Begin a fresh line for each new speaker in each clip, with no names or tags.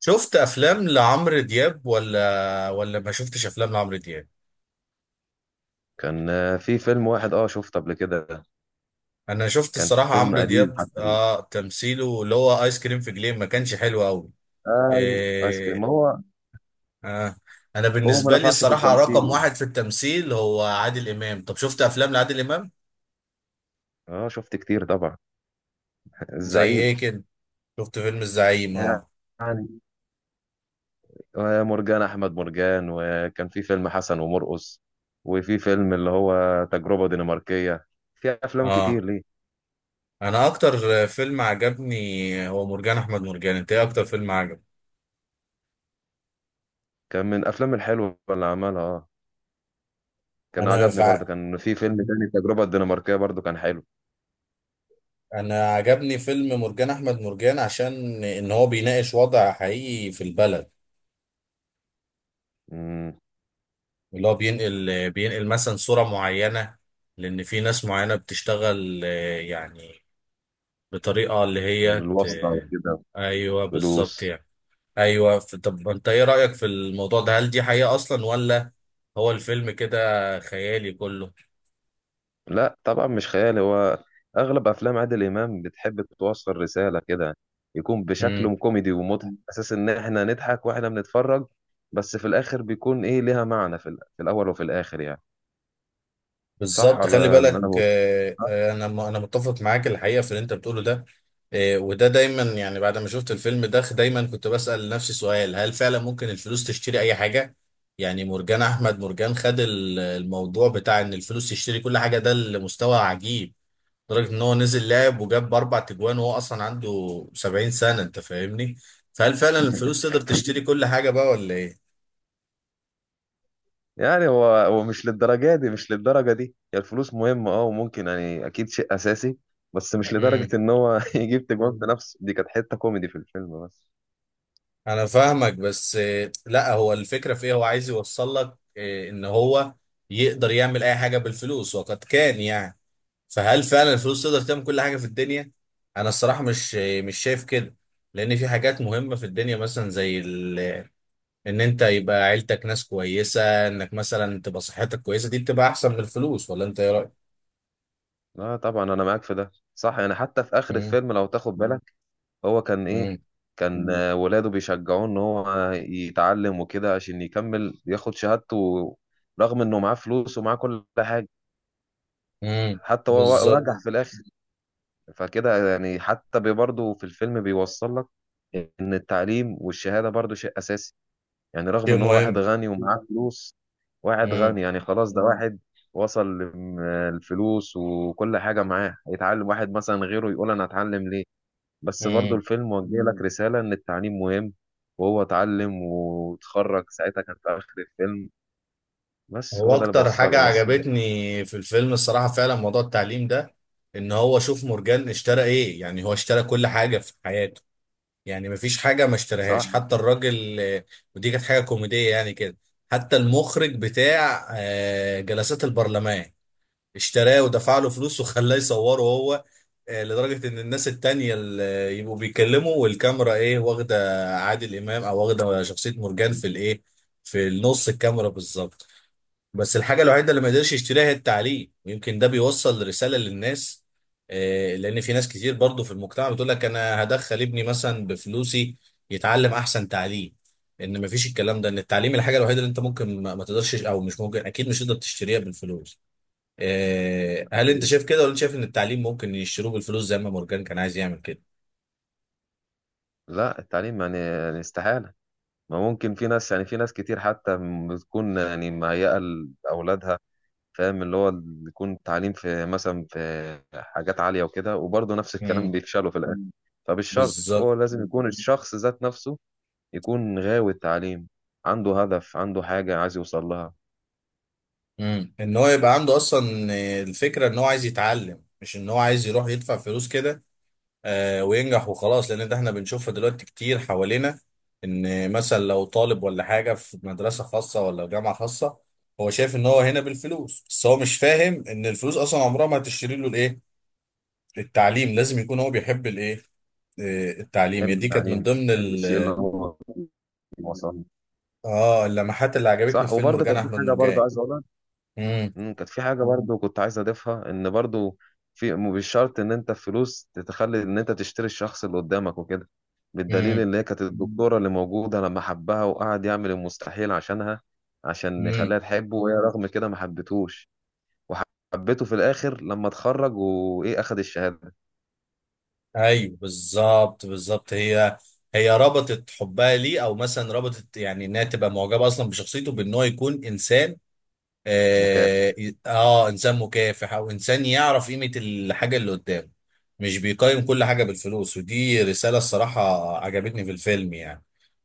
شفت افلام لعمرو دياب ولا ما شفتش افلام لعمرو دياب.
كان في فيلم واحد شفته قبل كده.
انا شفت
كان
الصراحه،
فيلم
عمرو
قديم،
دياب
حتى قديم.
تمثيله اللي هو ايس كريم في جليم ما كانش حلو قوي.
ايوه، ايس كريم. ما
إيه.
هو
آه. انا
هو ما
بالنسبه لي
نفعش في
الصراحه،
التمثيل.
رقم واحد في التمثيل هو عادل امام. طب شفت افلام لعادل امام؟
اه، شفت كتير طبعا.
زي
الزعيم.
ايه كده؟ شفت فيلم الزعيم، اه.
يعني ومرجان احمد مرجان، وكان في فيلم حسن ومرقص، وفي فيلم اللي هو تجربة دنماركية. في افلام
اه،
كتير ليه.
انا اكتر فيلم عجبني هو مرجان احمد مرجان. انت ايه اكتر فيلم عجبك؟
كان من الافلام الحلوة اللي عملها. اه كان
انا
عجبني برضه، كان في فيلم تاني التجربة الدنماركية برضه كان حلو.
انا عجبني فيلم مرجان احمد مرجان عشان ان هو بيناقش وضع حقيقي في البلد،
امم.
اللي هو بينقل مثلا صورة معينة. لان في ناس معينة بتشتغل يعني بطريقة اللي هي
الواسطة كده.
ايوه بالظبط
فلوس.
يعني. ايوه طب انت ايه رأيك في الموضوع ده؟ هل دي حقيقة اصلا ولا هو الفيلم كده خيالي كله؟
لا طبعا، مش خيال هو. اغلب افلام عادل امام بتحب توصل رساله كده، يكون بشكل كوميدي ومضحك، اساس ان احنا نضحك واحنا بنتفرج. بس في الاخر بيكون ايه ليها معنى في الاول وفي الاخر يعني. صح
بالظبط، خلي
ولا اللي
بالك.
انا بقول؟
انا متفق معاك الحقيقه في اللي انت بتقوله ده. وده دايما، يعني بعد ما شفت الفيلم ده دايما كنت بسال نفسي سؤال: هل فعلا ممكن الفلوس تشتري اي حاجه؟ يعني مرجان احمد مرجان خد الموضوع بتاع ان الفلوس تشتري كل حاجه، ده لمستوى عجيب. لدرجه ان هو نزل لعب وجاب اربع تجوان وهو اصلا عنده 70 سنه. انت فاهمني؟ فهل فعلا الفلوس تقدر تشتري كل حاجه بقى ولا
هو مش للدرجه دي، هي الفلوس مهمه وممكن يعني اكيد شيء اساسي. بس مش
ايه؟
لدرجه ان هو يجيب تجوان بنفسه. دي كانت حته كوميدي في الفيلم بس.
انا فاهمك بس لا، هو الفكره في ايه؟ هو عايز يوصل لك ان هو يقدر يعمل اي حاجه بالفلوس، وقد كان يعني. فهل فعلا الفلوس تقدر تعمل كل حاجه في الدنيا؟ انا الصراحه مش مش شايف كده. لان في حاجات مهمه في الدنيا مثلا زي ان انت يبقى عيلتك ناس كويسه، انك مثلا تبقى صحتك كويسه، دي بتبقى احسن من الفلوس. ولا انت ايه رايك؟
لا طبعا انا معاك في ده صح، يعني حتى في اخر
امم.
الفيلم لو تاخد بالك هو كان ايه.
امم.
كان ولاده بيشجعوه ان هو يتعلم وكده عشان يكمل ياخد شهادته، رغم انه معاه فلوس ومعاه كل حاجة.
إمم،
حتى هو
بالظبط.
نجح في الاخر. فكده يعني حتى برضه في الفيلم بيوصل لك ان التعليم والشهادة برضه شيء اساسي. يعني رغم
شيء
ان هو واحد
مهم.
غني ومعاه فلوس. واحد
امم.
غني يعني خلاص، ده واحد وصل الفلوس وكل حاجة معاه، هيتعلم. واحد مثلا غيره يقول انا اتعلم ليه؟ بس برضو
إمم.
الفيلم وجه لك رسالة إن التعليم مهم. وهو اتعلم واتخرج ساعتها، كان في آخر الفيلم. بس
هو
هو ده اللي
اكتر
بوصله
حاجة
طب، بس.
عجبتني في الفيلم الصراحة فعلا موضوع التعليم ده. ان هو شوف، مورجان اشترى ايه؟ يعني هو اشترى كل حاجة في حياته، يعني مفيش حاجة ما
صح.
اشتراهاش حتى الراجل. ودي كانت حاجة كوميدية يعني كده. حتى المخرج بتاع جلسات البرلمان اشتراه ودفع له فلوس وخلاه يصوره هو. لدرجة ان الناس التانية اللي يبقوا بيتكلموا والكاميرا ايه واخدة عادل امام، او واخدة شخصية مورجان في الايه، في النص الكاميرا بالظبط. بس الحاجة الوحيدة اللي ما يقدرش يشتريها هي التعليم، ويمكن ده بيوصل رسالة للناس. لأن في ناس كتير برضو في المجتمع بتقول لك أنا هدخل ابني مثلا بفلوسي يتعلم أحسن تعليم. إن مفيش الكلام ده، إن التعليم الحاجة الوحيدة اللي أنت ممكن ما تقدرش، أو مش ممكن، أكيد مش تقدر تشتريها بالفلوس. هل أنت شايف كده ولا أنت شايف إن التعليم ممكن يشتروه بالفلوس زي ما مورجان كان عايز يعمل كده؟
لا، التعليم يعني استحالة ما ممكن. في ناس، يعني في ناس كتير حتى بتكون يعني مهيئة لأولادها. فاهم اللي هو يكون التعليم في مثلا في حاجات عالية وكده، وبرضه نفس الكلام
امم.
بيفشلوا في الآخر. فمش شرط،
بالظبط.
هو لازم يكون الشخص ذات نفسه يكون غاوي التعليم، عنده هدف، عنده حاجة عايز يوصل لها.
امم. ان هو يبقى عنده اصلا الفكره ان هو عايز يتعلم، مش ان هو عايز يروح يدفع فلوس كده وينجح وخلاص. لان ده احنا بنشوفها دلوقتي كتير حوالينا، ان مثلا لو طالب ولا حاجه في مدرسه خاصه ولا جامعه خاصه، هو شايف ان هو هنا بالفلوس، بس هو مش فاهم ان الفلوس اصلا عمرها ما هتشتري له الايه، التعليم. لازم يكون هو بيحب الايه، التعليم. هي
يحب
دي كانت
التعليم،
من ضمن
يحب
ال
الشيء اللي هو وصل له.
اه اللمحات اللي عجبتني
صح،
في فيلم
وبرضه
مرجان
كانت في
احمد
حاجه برضه
مرجان.
عايز اقولها.
امم.
كانت في حاجه برضه كنت عايز اضيفها، ان برضه في مش شرط ان انت فلوس تتخلي ان انت تشتري الشخص اللي قدامك وكده. بالدليل
امم.
ان هي كانت الدكتوره اللي موجوده لما حبها، وقعد يعمل المستحيل عشانها عشان
إمم.
يخليها تحبه، وهي رغم كده ما حبتهوش. وحبته في الاخر لما اتخرج اخد الشهاده.
ايوه بالظبط، بالظبط، هي هي ربطت حبها ليه، او مثلا ربطت يعني انها تبقى معجبه اصلا بشخصيته، بان هو يكون انسان.
مكافح.
آه, اه، انسان مكافح، او انسان يعرف قيمه الحاجه اللي قدامه، مش بيقيم كل حاجه بالفلوس. ودي رساله الصراحه عجبتني في الفيلم، يعني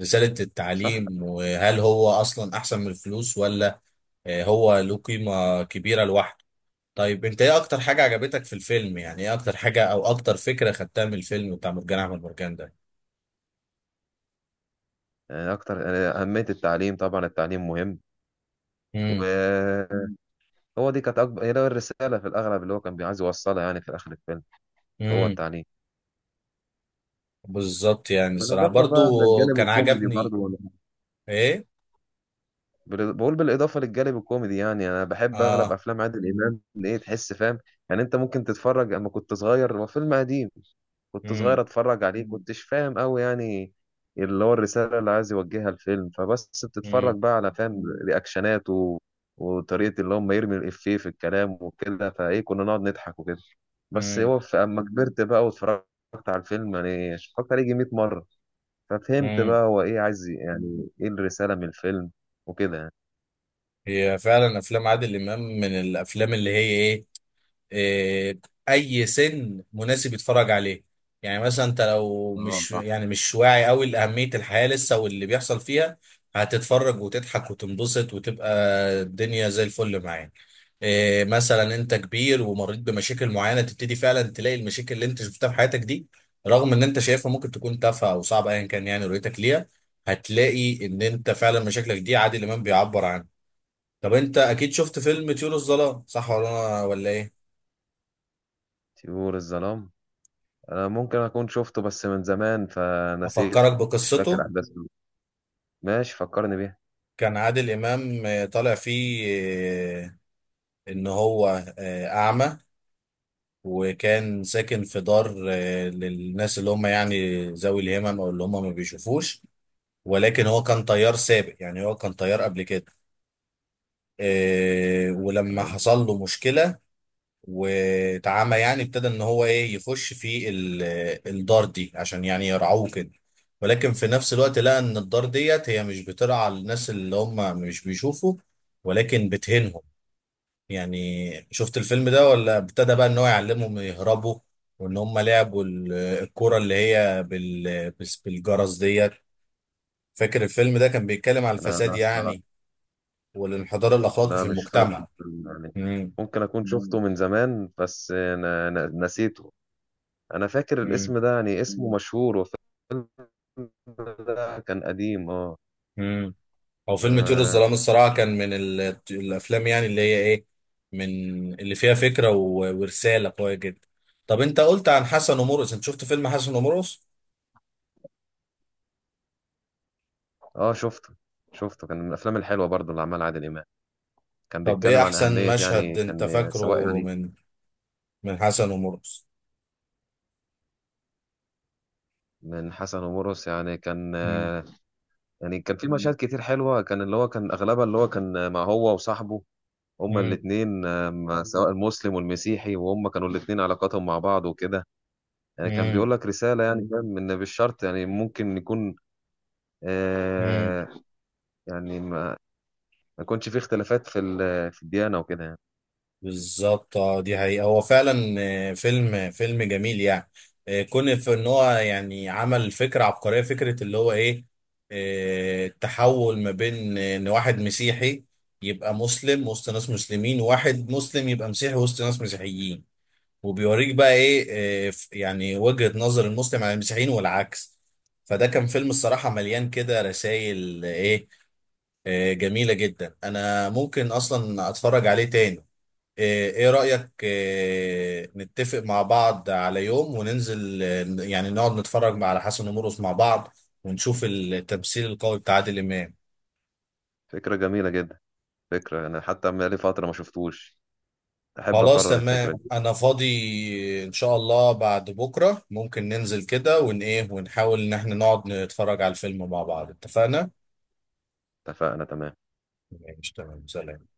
رساله
صح،
التعليم وهل هو اصلا احسن من الفلوس ولا. آه، هو له قيمه كبيره لوحده. طيب، انت ايه اكتر حاجة عجبتك في الفيلم؟ يعني ايه اكتر حاجة او اكتر فكرة خدتها من الفيلم بتاع مرجان ده؟
يعني اكتر يعني اهميه التعليم طبعا. التعليم مهم و
امم.
هو دي كانت أكبر، هي ده الرسالة في الأغلب اللي هو كان عايز يوصلها يعني في آخر الفيلم. هو
امم.
التعليم.
بالظبط. يعني الصراحة
بالإضافة
برضو
بقى للجانب
كان
الكوميدي
عجبني.
برضه، ولا؟
ايه.
بقول بالإضافة للجانب الكوميدي. يعني أنا بحب أغلب
اه.
أفلام عادل إمام اللي إيه تحس فاهم. يعني أنت ممكن تتفرج أما كنت صغير، هو فيلم قديم. كنت
امم.
صغير اتفرج عليه كنتش فاهم قوي يعني اللي هو الرسالة اللي عايز يوجهها الفيلم. فبس بتتفرج
امم.
بقى على فاهم رياكشنات وطريقة اللي هم يرمي الإفيه في الكلام وكده، فايه كنا نقعد نضحك وكده. بس
امم.
هو في اما كبرت بقى واتفرجت على الفيلم، يعني اتفرجت عليه يجي 100 مرة، ففهمت
امم.
بقى هو ايه عايز، يعني ايه الرسالة من الفيلم وكده يعني.
هي فعلا افلام عادل امام من الافلام اللي هي ايه، آه، اي سن مناسب يتفرج عليه. يعني مثلا انت لو
اه،
مش
صح.
يعني مش واعي قوي لاهميه الحياه لسه واللي بيحصل فيها، هتتفرج وتضحك وتنبسط وتبقى الدنيا زي الفل معاك. مثلا انت كبير ومريت بمشاكل معينه، تبتدي فعلا تلاقي المشاكل اللي انت شفتها في حياتك دي، رغم ان انت شايفها ممكن تكون تافهه او صعبه، ايا كان يعني رؤيتك ليها، هتلاقي ان انت فعلا مشاكلك دي عادل امام بيعبر عنها. طب انت اكيد شفت فيلم طيور الظلام، صح ولا ايه؟
طيور الظلام؟ انا ممكن اكون شفته بس من زمان فنسيته.
أفكرك
مش فاكر
بقصته.
احداثه. ماشي، فكرني بيها.
كان عادل إمام طالع فيه آه، إن هو أعمى، وكان ساكن في دار للناس اللي هم يعني ذوي الهمم، أو اللي هم ما بيشوفوش. ولكن هو كان طيار سابق، يعني هو كان طيار قبل كده. ولما
تمام.
حصل له مشكلة واتعمى، يعني ابتدى ان هو ايه يخش في الدار دي عشان يعني يرعوه كده. ولكن في نفس الوقت لقى ان الدار ديت هي مش بترعى الناس اللي هم مش بيشوفوا، ولكن بتهينهم يعني. شفت الفيلم ده ولا؟ ابتدى بقى ان هو يعلمهم يهربوا، وان هم لعبوا الكرة اللي هي بالجرس ديت. فاكر الفيلم ده كان بيتكلم على
انا
الفساد
لا الصراحه،
يعني والانحدار الاخلاقي في
لا مش فاكر
المجتمع.
يعني. ممكن اكون شفته من زمان بس أنا نسيته. انا فاكر الاسم ده، يعني اسمه مشهور وكده، كان قديم اه.
امم. او فيلم طيور
اه.
الظلام الصراحه كان من الافلام يعني اللي هي ايه، من اللي فيها فكره ورساله قويه جدا. طب انت قلت عن حسن ومرقص، انت شفت فيلم حسن ومرقص؟
آه، شفته. شفته كان من الافلام الحلوه برضو اللي عملها عادل امام. كان
طب ايه
بيتكلم عن
احسن
اهميه،
مشهد
يعني
انت
كان سواء
فاكره
يعني
من حسن ومرقص؟
من حسن ومرقص. يعني كان
امم.
يعني كان في مشاهد كتير حلوه، كان اللي هو كان اغلبها اللي هو كان مع هو وصاحبه، هما الاثنين. سواء المسلم والمسيحي، وهم كانوا الاثنين علاقاتهم مع بعض وكده. يعني كان بيقول لك رسالة، يعني فاهم إن بالشرط يعني ممكن يكون.
امم.
آه يعني ما يكونش فيه اختلافات في الديانة وكده يعني.
بالظبط. اه، دي حقيقة هو فعلا فيلم جميل يعني. كون في ان هو يعني عمل فكرة عبقرية، فكرة اللي هو ايه، التحول ما بين ان واحد مسيحي يبقى مسلم وسط ناس مسلمين، وواحد مسلم يبقى مسيحي وسط ناس مسيحيين. وبيوريك بقى ايه، يعني وجهة نظر المسلم عن المسيحيين والعكس. فده كان فيلم الصراحة مليان كده رسائل جميلة جدا. أنا ممكن أصلا أتفرج عليه تاني. إيه رأيك؟ نتفق مع بعض على يوم وننزل، يعني نقعد نتفرج على حسن ومرقص مع بعض، ونشوف التمثيل القوي بتاع عادل إمام.
فكرة جميلة جدا، فكرة. أنا حتى بقالي فترة ما شفتوش، أحب
خلاص
أكرر الفكرة
تمام،
دي.
أنا فاضي. إن شاء الله بعد بكرة ممكن ننزل كده ون إيه، ونحاول إن إحنا نقعد نتفرج على الفيلم مع بعض، اتفقنا؟
اتفقنا، تمام.
ماشي، تمام، سلام.